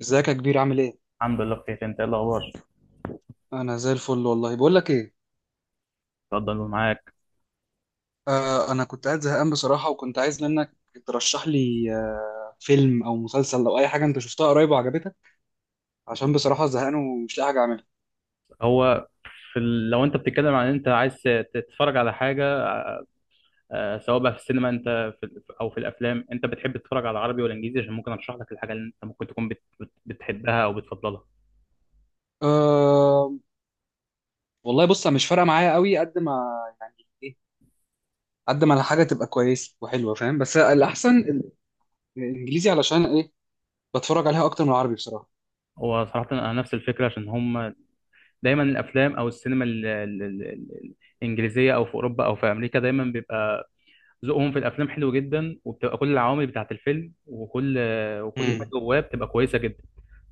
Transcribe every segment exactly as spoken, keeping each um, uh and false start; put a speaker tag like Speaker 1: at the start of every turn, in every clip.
Speaker 1: ازيك يا كبير، عامل ايه؟
Speaker 2: الحمد لله بخير، انت ايه الاخبار؟
Speaker 1: انا زي الفل والله. بقول لك ايه،
Speaker 2: اتفضل معاك.
Speaker 1: آه انا كنت قاعد زهقان بصراحة، وكنت عايز منك ترشح لي آه فيلم او مسلسل او اي حاجة انت شفتها قريب وعجبتك، عشان بصراحة زهقان ومش لاقي حاجة اعملها.
Speaker 2: هو في ال... لو انت بتتكلم عن انت عايز تتفرج على حاجه، آه، سواء بقى في السينما انت في... ال- او في الافلام، انت بتحب تتفرج على عربي ولا انجليزي؟ عشان ممكن ارشح لك الحاجه اللي انت ممكن تكون بت... بت... بتحبها او بتفضلها.
Speaker 1: آه والله بص، أنا مش فارقة معايا قوي قد ما يعني ايه، قد ما الحاجة تبقى كويسة وحلوة فاهم، بس الاحسن ال- الانجليزي، علشان ايه؟ بتفرج عليها اكتر من العربي بصراحة.
Speaker 2: هو صراحه انا نفس الفكره، عشان هم دايما الافلام او السينما ال... ال... ال... ال- الانجليزيه او في اوروبا او في امريكا دايما بيبقى ذوقهم في الافلام حلو جدا، وبتبقى كل العوامل بتاعه الفيلم وكل وكل حاجه
Speaker 1: امم.
Speaker 2: جواه بتبقى كويسه جدا.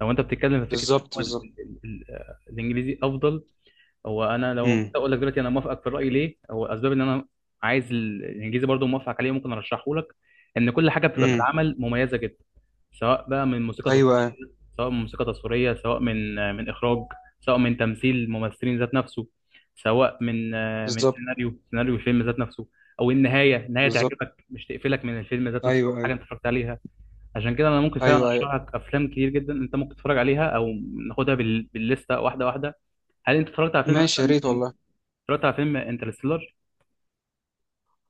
Speaker 2: لو انت بتتكلم في فكره إن
Speaker 1: بالظبط،
Speaker 2: هو ال-
Speaker 1: بالظبط.
Speaker 2: ال- ال- الانجليزي افضل، هو انا لو
Speaker 1: امم.
Speaker 2: اقول لك دلوقتي انا موافقك في الراي. ليه؟ هو اسباب ان انا عايز ال- الانجليزي برضو موافقك عليه، ممكن ارشحه لك. ان كل حاجه بتبقى في
Speaker 1: امم.
Speaker 2: العمل مميزه جدا، سواء بقى من موسيقى
Speaker 1: ايوه،
Speaker 2: تصويريه،
Speaker 1: ايوه.
Speaker 2: سواء من موسيقى تصويريه، سواء من من اخراج، سواء من تمثيل ممثلين ذات نفسه، سواء من من
Speaker 1: بالظبط،
Speaker 2: سيناريو، سيناريو الفيلم ذات نفسه، او النهايه، النهايه
Speaker 1: بالظبط.
Speaker 2: تعجبك مش تقفلك من الفيلم ذات نفسه او
Speaker 1: ايوه، ايوه.
Speaker 2: حاجه انت اتفرجت عليها. عشان كده انا ممكن فعلا
Speaker 1: ايوه، ايوه.
Speaker 2: ارشح لك افلام كتير جدا انت ممكن تتفرج عليها، او ناخدها بال... بالليسته واحده واحده. هل انت اتفرجت على فيلم
Speaker 1: ماشي، يا
Speaker 2: مثلا؟
Speaker 1: ريت والله.
Speaker 2: اتفرجت على فيلم انترستيلر؟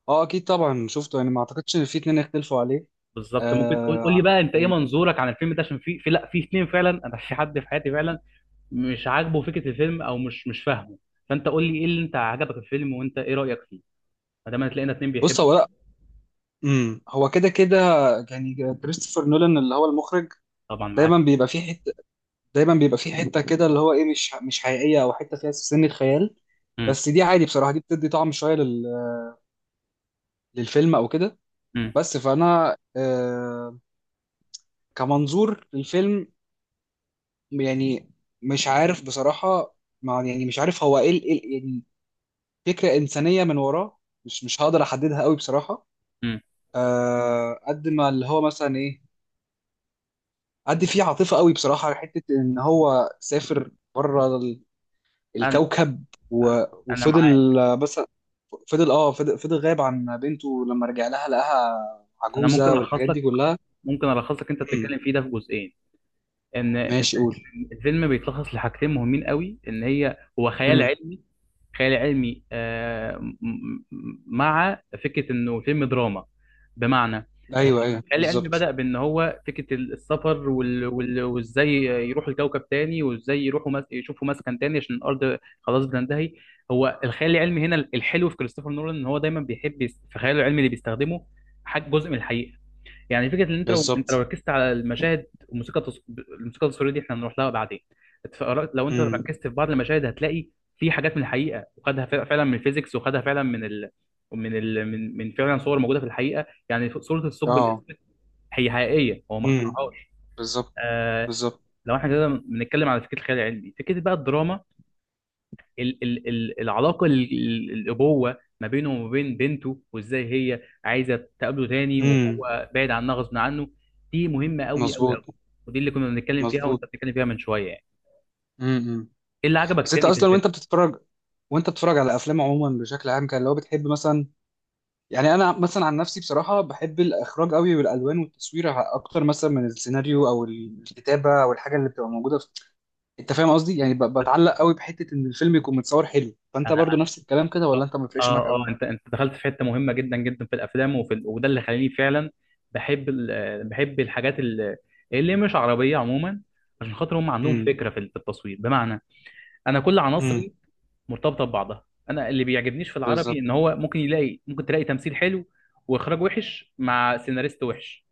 Speaker 1: اه، اكيد طبعا، شفته يعني، ما اعتقدش ان في اتنين يختلفوا عليه.
Speaker 2: بالظبط. ممكن تقول، قول لي
Speaker 1: آه
Speaker 2: بقى انت ايه
Speaker 1: يعني
Speaker 2: منظورك عن الفيلم ده، عشان في في لا في اتنين فعلا، انا في حد في حياتي فعلا مش عاجبه فكره الفيلم او مش مش فاهمه. فانت قول لي ايه اللي انت عجبك في الفيلم وانت ايه رايك فيه، ما دام هتلاقينا اتنين
Speaker 1: بص،
Speaker 2: بيحبوا.
Speaker 1: هو لا. امم. هو كده كده يعني، كريستوفر نولان اللي هو المخرج
Speaker 2: طبعا معاك.
Speaker 1: دايما بيبقى فيه حته دايما بيبقى فيه حته كده، اللي هو ايه، مش مش حقيقيه، او حته فيها سنه خيال.
Speaker 2: امم.
Speaker 1: بس دي عادي بصراحه، دي بتدي طعم شويه لل... للفيلم او كده.
Speaker 2: امم.
Speaker 1: بس فانا آه كمنظور للفيلم، يعني مش عارف بصراحه. مع، يعني مش عارف هو ايه، ال- إيه ال- يعني فكره انسانيه من وراه، مش مش هقدر احددها قوي بصراحه.
Speaker 2: امم.
Speaker 1: آه قد ما اللي هو مثلا ايه، قد فيه عاطفه قوي بصراحه، حته ان هو سافر بره ال-
Speaker 2: انا
Speaker 1: الكوكب، و-
Speaker 2: انا معاك.
Speaker 1: وفضل، آه، مثلا، فضل اه فضل, فضل غايب عن بنته، لما رجع لها لقاها
Speaker 2: انا ممكن
Speaker 1: عجوزه
Speaker 2: الخص
Speaker 1: والحاجات
Speaker 2: لك،
Speaker 1: دي كلها.
Speaker 2: ممكن الخص لك انت
Speaker 1: امم.
Speaker 2: بتتكلم فيه ده في جزئين. ان إن
Speaker 1: ماشي، قول.
Speaker 2: الفيلم بيتلخص لحاجتين مهمين قوي، ان هي هو خيال
Speaker 1: امم.
Speaker 2: علمي. خيال علمي، آه، م- م- مع فكره انه فيلم دراما. بمعنى
Speaker 1: ايوه، ايوه.
Speaker 2: خيال علمي
Speaker 1: بالظبط،
Speaker 2: بدأ بان هو فكره السفر، وال- وال- وازاي يروحوا لكوكب تاني، وازاي يروحوا مس... يشوفوا مسكن تاني، عشان الارض خلاص بتنتهي. هو الخيال العلمي هنا الحلو في كريستوفر نولان، ان هو دايما بيحب يس- في خياله العلمي اللي بيستخدمه حاجه جزء من الحقيقه. يعني فكره ان انت لو انت لو
Speaker 1: بالظبط.
Speaker 2: ركزت على المشاهد والموسيقى التص... الموسيقى التصويريه دي احنا هنروح لها بعدين. اتفرجت- لو انت
Speaker 1: امم.
Speaker 2: ركزت في بعض المشاهد هتلاقي في حاجات من الحقيقه، وخدها فع- فعلا من الفيزيكس، وخدها فعلا من ال... من ال... من من فعلا صور موجوده في الحقيقه. يعني ف- صوره الثقب
Speaker 1: اه.
Speaker 2: الاسود هي حقيقيه، هو ما
Speaker 1: امم.
Speaker 2: اخترعهاش.
Speaker 1: بالظبط،
Speaker 2: آه...
Speaker 1: بالظبط.
Speaker 2: لو احنا كده بنتكلم على فكره الخيال العلمي، فكره بقى الدراما، ال ال ال العلاقه ال- ال- الابوه ما بينه وما بين بنته، وازاي هي عايزه تقابله تاني
Speaker 1: امم.
Speaker 2: وهو بعيد عنها غصب عنه، دي مهمه قوي قوي قوي.
Speaker 1: مظبوط.
Speaker 2: ودي اللي كنا بنتكلم فيها
Speaker 1: مظبوط.
Speaker 2: وانت بتتكلم فيها من شويه يعني.
Speaker 1: امم.
Speaker 2: ايه اللي عجبك
Speaker 1: بس انت
Speaker 2: تاني في
Speaker 1: اصلا
Speaker 2: الفيلم؟
Speaker 1: وانت بتتفرج وانت بتتفرج على افلام عموما بشكل عام، كان لو بتحب مثلا يعني، انا مثلا عن نفسي بصراحه بحب الاخراج قوي والالوان والتصوير، ع- اكتر مثلا من السيناريو او الكتابه او الحاجه اللي بتبقى موجوده في... انت فاهم قصدي، يعني ب... بتعلق قوي بحته ان الفيلم يكون متصور حلو. فانت
Speaker 2: انا
Speaker 1: برضو نفس الكلام كده،
Speaker 2: أنا-
Speaker 1: ولا انت ما بيفرقش معاك
Speaker 2: اه
Speaker 1: قوي؟
Speaker 2: اه انت انت دخلت في حته مهمه جدا جدا في الافلام وفي ال- وده اللي خلاني فعلا بحب ال- بحب الحاجات ال- اللي مش عربيه عموما. عشان خاطر هم عندهم
Speaker 1: امم.
Speaker 2: فكره في في التصوير. بمعنى انا كل
Speaker 1: امم.
Speaker 2: عناصري مرتبطه ببعضها. انا اللي بيعجبنيش في العربي
Speaker 1: بالظبط.
Speaker 2: ان هو ممكن يلاقي، ممكن تلاقي تمثيل حلو واخراج وحش مع سيناريست وحش.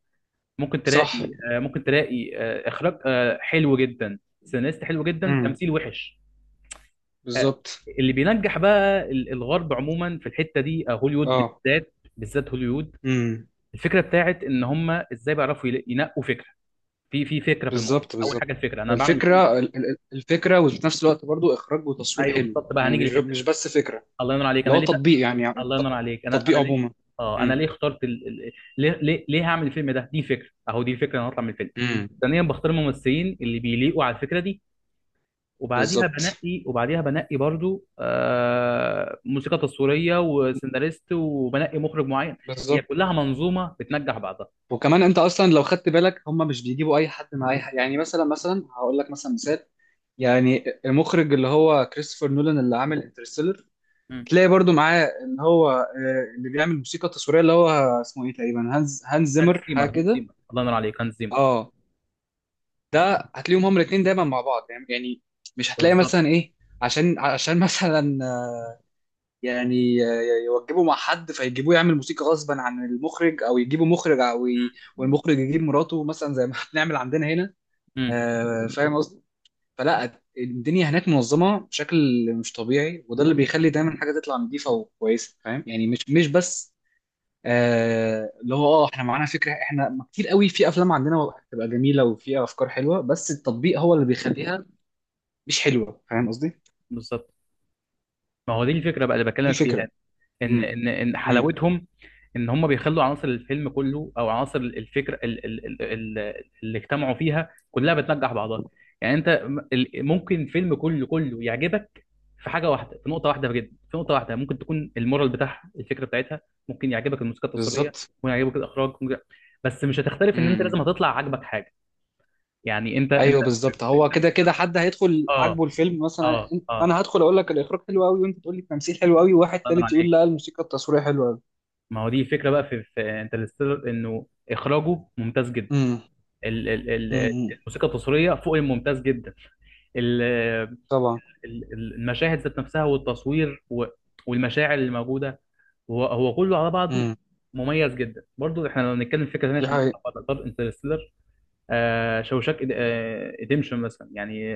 Speaker 2: ممكن
Speaker 1: صح.
Speaker 2: تلاقي آه، ممكن تلاقي آه، اخراج آه، حلو جدا، سيناريست حلو جدا،
Speaker 1: امم.
Speaker 2: تمثيل وحش. آه،
Speaker 1: بالظبط.
Speaker 2: اللي بينجح بقى ال- الغرب عموما في الحته دي، آه، هوليوود
Speaker 1: اه.
Speaker 2: بالذات، بالذات هوليوود.
Speaker 1: امم.
Speaker 2: الفكره بتاعت ان هم ازاي بيعرفوا يلا- ينقوا فكره، في في فكره في الموضوع.
Speaker 1: بالظبط،
Speaker 2: اول
Speaker 1: بالظبط.
Speaker 2: حاجه الفكره، انا بعمل الفيلم ده
Speaker 1: الفكره
Speaker 2: ليه؟
Speaker 1: ال- ال- الفكره، وفي نفس الوقت برضو اخراج وتصوير
Speaker 2: ايوه
Speaker 1: حلو،
Speaker 2: بالظبط، بقى
Speaker 1: يعني
Speaker 2: هنيجي
Speaker 1: مش
Speaker 2: للحته
Speaker 1: مش
Speaker 2: دي.
Speaker 1: بس فكره.
Speaker 2: الله ينور عليك،
Speaker 1: اللي
Speaker 2: انا
Speaker 1: هو
Speaker 2: ليه؟
Speaker 1: التطبيق، يعني يعني
Speaker 2: الله
Speaker 1: الت-
Speaker 2: ينور عليك، انا انا
Speaker 1: التطبيق
Speaker 2: ليه.
Speaker 1: عموما.
Speaker 2: اه انا
Speaker 1: امم.
Speaker 2: ليه اخترت ال... ال- ليه ليه ليه هعمل الفيلم ده، دي فكره اهو، دي فكره انا هطلع من الفيلم.
Speaker 1: امم.
Speaker 2: ثانيا بختار الممثلين اللي بيليقوا على الفكره دي، وبعديها
Speaker 1: بالظبط،
Speaker 2: بنقي، وبعديها بنقي برضو آه موسيقى تصويريه وسيناريست، وبنقي مخرج معين. هي
Speaker 1: بالظبط.
Speaker 2: كلها منظومه بتنجح بعضها.
Speaker 1: وكمان انت اصلا لو خدت بالك، هم مش بيجيبوا اي حد مع اي حد، يعني مثلا، مثلا هقول لك مثلا مثال، يعني المخرج اللي هو كريستوفر نولان اللي عامل انترستيلر،
Speaker 2: مم.
Speaker 1: تلاقي برضو معاه اللي هو آه، اللي بيعمل موسيقى تصويريه، اللي هو اسمه ايه تقريبا، هانز هانز
Speaker 2: هانز
Speaker 1: زيمر،
Speaker 2: زيمر،
Speaker 1: حاجه
Speaker 2: هانز
Speaker 1: كده.
Speaker 2: زيمر، الله ينور عليك، هانز زيمر.
Speaker 1: اه، ده هتلاقيهم هما الاثنين دايما مع بعض، يعني يعني مش هتلاقي
Speaker 2: بالظبط.
Speaker 1: مثلا ايه، عشان عشان مثلا، يعني ي- يوجبوا مع حد فيجيبوه يعمل موسيقى غصبا عن المخرج، او يجيبوا مخرج او ي... والمخرج يجيب مراته مثلا، زي ما بنعمل عندنا هنا.
Speaker 2: مم.
Speaker 1: آه، فاهم قصدي؟ فلا، الدنيا هناك منظمه بشكل مش طبيعي، وده اللي بيخلي دايما حاجه تطلع نظيفه وكويسه. فاهم يعني؟ مش مش بس آه، اللي هو، اه احنا معانا فكره، احنا كتير قوي في افلام عندنا بتبقى جميله وفيها افكار حلوه، بس التطبيق هو اللي بيخليها مش حلوه. فاهم قصدي؟ دي
Speaker 2: بالظبط. ما هو دي الفكره بقى اللي بكلمك فيها،
Speaker 1: الفكره.
Speaker 2: ان
Speaker 1: امم.
Speaker 2: ان ان
Speaker 1: امم.
Speaker 2: حلاوتهم ان هم بيخلوا عناصر الفيلم كله او عناصر الفكره ال- ال- ال- ال- اللي اجتمعوا فيها كلها بتنجح بعضها. يعني انت م- ال- ممكن الفيلم كله كله يعجبك في حاجه واحده، في نقطه واحده، بجد في نقطه واحده. ممكن تكون المورال بتاعها، الفكره بتاعتها، ممكن يعجبك الموسيقى التصويريه،
Speaker 1: بالظبط.
Speaker 2: ممكن يعجبك الاخراج، ممكن... بس مش هتختلف ان انت لازم
Speaker 1: امم.
Speaker 2: هتطلع عاجبك حاجه. يعني انت انت
Speaker 1: ايوه، بالظبط. هو
Speaker 2: انت
Speaker 1: كده كده حد هيدخل
Speaker 2: اه
Speaker 1: عاجبه الفيلم مثلا.
Speaker 2: اه
Speaker 1: أنت-
Speaker 2: اه.
Speaker 1: انا هدخل اقول لك الاخراج حلو قوي، وانت تقول لي التمثيل حلو قوي، وواحد
Speaker 2: الله ينور
Speaker 1: تالت يقول
Speaker 2: عليك.
Speaker 1: لا، الموسيقى التصويريه حلوه قوي.
Speaker 2: ما هو دي الفكره بقى في, في انترستيلر، انه اخراجه ممتاز جدا،
Speaker 1: امم.
Speaker 2: ال- ال- ال-
Speaker 1: امم.
Speaker 2: الموسيقى التصويريه فوق الممتاز جدا، ال-
Speaker 1: طبعا.
Speaker 2: ال- المشاهد ذات نفسها والتصوير و- والمشاعر اللي موجوده، هو هو كله على بعضه
Speaker 1: امم.
Speaker 2: مميز جدا. برضو احنا لو نتكلم في فكره ثانيه،
Speaker 1: دي
Speaker 2: عشان
Speaker 1: حقيقة.
Speaker 2: نقدر انترستيلر، آه شوشاك ريديمشن مثلا يعني.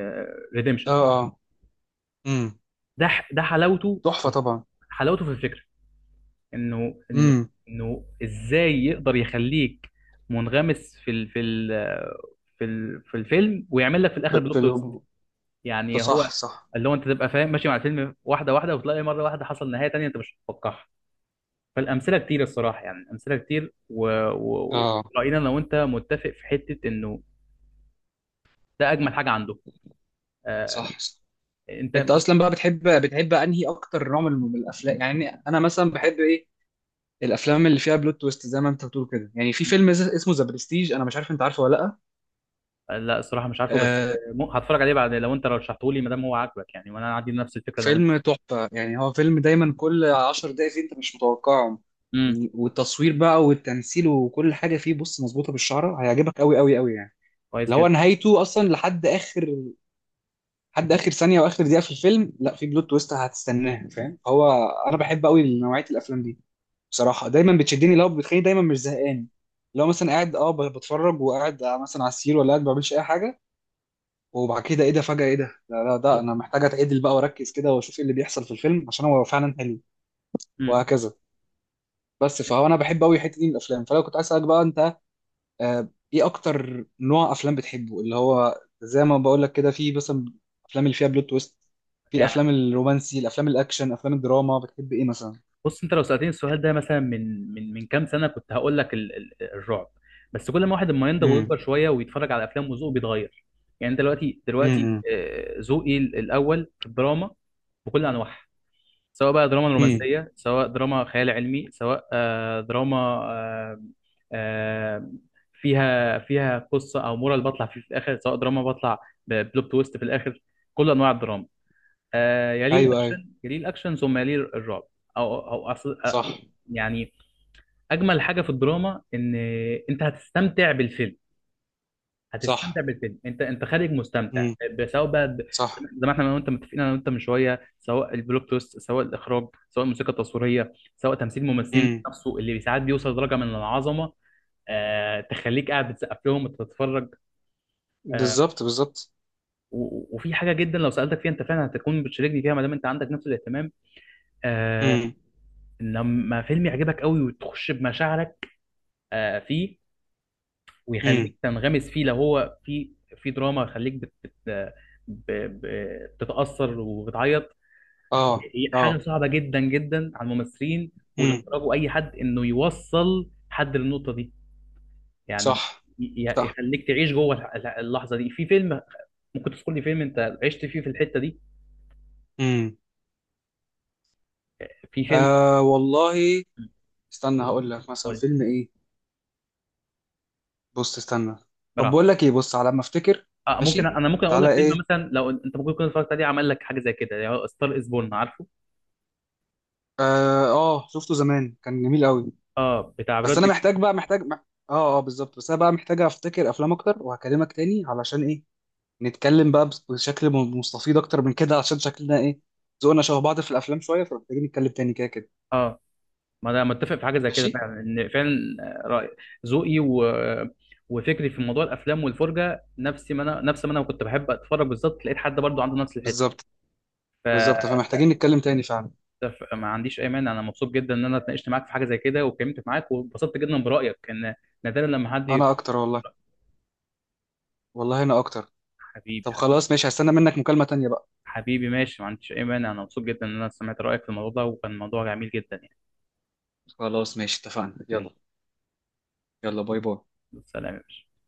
Speaker 1: اه،
Speaker 2: ريديمشن
Speaker 1: اه. امم.
Speaker 2: ده ح- ده حلاوته،
Speaker 1: تحفه طبعا.
Speaker 2: حلاوته في الفكره، انه انه
Speaker 1: امم.
Speaker 2: انه ازاي يقدر يخليك منغمس في ال في ال آه، في ال في الفيلم، ويعمل لك في الاخر بلوت تويست.
Speaker 1: فيلم. ده
Speaker 2: يعني
Speaker 1: صح،
Speaker 2: هو
Speaker 1: صح.
Speaker 2: اللي هو انت تبقى فاهم ماشي مع الفيلم واحده واحده، وتلاقي مره واحده حصل نهايه تانية انت مش متوقعها. فالامثله كتير الصراحه، يعني امثله كتير وراينا و... و...
Speaker 1: اه.
Speaker 2: راينا. لو انت متفق في حته انه ده اجمل حاجه عنده. آه،
Speaker 1: صح، صح.
Speaker 2: انت
Speaker 1: انت
Speaker 2: مثلا؟
Speaker 1: اصلا بقى بتحب بتحب انهي اكتر نوع من من الافلام؟ يعني انا مثلا بحب ايه، الافلام اللي فيها بلوت تويست زي ما انت بتقول كده، يعني في فيلم ز- اسمه ذا برستيج، انا مش عارف انت عارفه ولا لا.
Speaker 2: آه، لا الصراحه مش عارفه، بس
Speaker 1: آه،
Speaker 2: آه، مو- هتفرج عليه بعد لو انت رشحته لي، ما دام هو عاجبك يعني، وانا عندي نفس الفكره لو انت.
Speaker 1: فيلم تحفة يعني، هو فيلم دايما كل عشر دقايق فيه انت مش متوقعهم،
Speaker 2: امم.
Speaker 1: يعني. والتصوير بقى والتمثيل وكل حاجة فيه، بص مظبوطة بالشعرة، هيعجبك قوي قوي قوي يعني.
Speaker 2: كويس
Speaker 1: اللي هو
Speaker 2: جدا.
Speaker 1: نهايته اصلا، لحد اخر لحد اخر ثانية واخر دقيقة في الفيلم، لا، في بلوت تويست هتستناها. فاهم؟ هو انا بحب قوي نوعية الافلام دي بصراحة، دايما بتشدني، لو بتخليني دايما مش زهقان. لو مثلا قاعد اه ب- بتفرج وقاعد مثلا على السرير، ولا قاعد ما بعملش اي حاجة، وبعد كده ايه ده، فجأة ايه ده، لا لا، ده انا محتاج اتعدل بقى واركز كده واشوف ايه اللي بيحصل في الفيلم، عشان هو فعلا حلو،
Speaker 2: امم.
Speaker 1: وهكذا. بس فهو انا بحب قوي الحتة دي من الافلام. فلو كنت عايز اسالك بقى انت، آه، ايه اكتر نوع افلام بتحبه؟ اللي هو زي ما بقول لك كده، في مثلا افلام اللي فيها بلوت تويست، في الافلام الرومانسي، الافلام الاكشن، افلام الدراما، بتحب ايه مثلا؟
Speaker 2: بص، انت لو سألتني السؤال ده مثلا من من من كام سنة، كنت هقول لك ال- ال- الرعب. بس كل ما واحد اما ينضج
Speaker 1: امم.
Speaker 2: ويكبر شوية ويتفرج على افلام، وذوقه بيتغير. يعني انت دلوقتي، دلوقتي
Speaker 1: امم.
Speaker 2: آه، ذوقي ال- الاول في الدراما، بكل انواعها، سواء بقى دراما
Speaker 1: امم.
Speaker 2: رومانسية، سواء دراما خيال علمي، سواء آه، دراما آه، آه، فيها، فيها قصة او مورال بطلع فيه في الاخر، سواء دراما بطلع ببلوت تويست في الاخر، كل انواع الدراما. آه يليه
Speaker 1: ايوه، ايوه.
Speaker 2: الاكشن، يليه الاكشن، ثم يليه الرعب. او او أصل آه،
Speaker 1: صح،
Speaker 2: يعني اجمل حاجه في الدراما ان انت هتستمتع بالفيلم، هتستمتع
Speaker 1: صح.
Speaker 2: بالفيلم، انت انت خارج مستمتع
Speaker 1: امم.
Speaker 2: ب- سواء بقى ب-
Speaker 1: صح.
Speaker 2: زي ما احنا انا وانت متفقين، انا وانت من شويه، سواء البلوت تويست، سواء الاخراج، سواء الموسيقى التصويريه، سواء تمثيل الممثلين
Speaker 1: امم.
Speaker 2: نفسه، اللي ساعات بيوصل لدرجه من العظمه، آه تخليك قاعد بتسقف لهم وتتفرج. آه.
Speaker 1: بالظبط، بالظبط.
Speaker 2: و- وفي حاجه جدا لو سالتك فيها انت فعلا هتكون بتشاركني فيها، ما دام انت عندك نفس الاهتمام، آه،
Speaker 1: امم.
Speaker 2: لما فيلم يعجبك قوي وتخش بمشاعرك آه، فيه، ويخليك
Speaker 1: امم.
Speaker 2: تنغمس فيه، لو هو في في دراما يخليك بت بت ب- ب- بتتأثر وبتعيط.
Speaker 1: اه،
Speaker 2: هي حاجة
Speaker 1: اه.
Speaker 2: صعبة جدا جدا على الممثلين والإخراج وأي حد، إنه يوصل حد للنقطة دي. يعني
Speaker 1: صح،
Speaker 2: ي-
Speaker 1: صح.
Speaker 2: يخليك تعيش جوه الح- الح- اللحظة دي في فيلم. ممكن تذكر لي فيلم أنت عشت فيه في الحتة دي؟
Speaker 1: امم.
Speaker 2: في فيلم؟
Speaker 1: آه والله استنى هقول لك مثلا
Speaker 2: قول.
Speaker 1: فيلم ايه. بص، استنى. طب
Speaker 2: براحة.
Speaker 1: بقول لك ايه، بص، على ما افتكر.
Speaker 2: آه ممكن
Speaker 1: ماشي.
Speaker 2: أنا ممكن أقول لك
Speaker 1: تعالى
Speaker 2: فيلم
Speaker 1: ايه.
Speaker 2: مثلا لو أنت ممكن تكون اتفرجت عليه عمل لك حاجة زي كده، يعني ستار إز بورن، عارفه؟
Speaker 1: اه، آه، شفته زمان كان جميل قوي.
Speaker 2: اه بتاع
Speaker 1: بس انا
Speaker 2: برادلي.
Speaker 1: محتاج بقى، محتاج مح- اه، اه، بالظبط. بس انا بقى محتاج افتكر افلام اكتر وهكلمك تاني، علشان ايه، نتكلم بقى بس- بشكل م- مستفيض اكتر من كده، عشان شكلنا ايه، ذوقنا شبه بعض في الافلام شويه. فمحتاجين نتكلم تاني كده كده.
Speaker 2: اه، ما انا متفق في حاجه زي كده
Speaker 1: ماشي.
Speaker 2: فعلا، ان فعلا آه، رأي، ذوقي و... وفكري في موضوع الافلام والفرجه نفس ما انا، نفس ما انا كنت بحب اتفرج، بالظبط لقيت حد برضو عنده نفس الحته.
Speaker 1: بالظبط،
Speaker 2: ف...
Speaker 1: بالظبط. فمحتاجين نتكلم تاني فعلا.
Speaker 2: ف- ما عنديش اي مانع، انا مبسوط جدا ان انا اتناقشت معاك في حاجه زي كده، واتكلمت معاك واتبسطت جدا برايك، ان نادرا لما حد يق-
Speaker 1: انا اكتر والله. والله انا اكتر.
Speaker 2: حبيبي
Speaker 1: طب
Speaker 2: حبيبي
Speaker 1: خلاص ماشي، هستنى منك مكالمة تانية بقى.
Speaker 2: حبيبي، ماشي، ما عنديش اي مانع، انا مبسوط جدا ان انا سمعت رايك في الموضوع ده، وكان موضوع جميل جدا يعني.
Speaker 1: خلاص، ماشي، اتفقنا، اوكي، يلا. يلا باي باي.
Speaker 2: سلام يا باشا.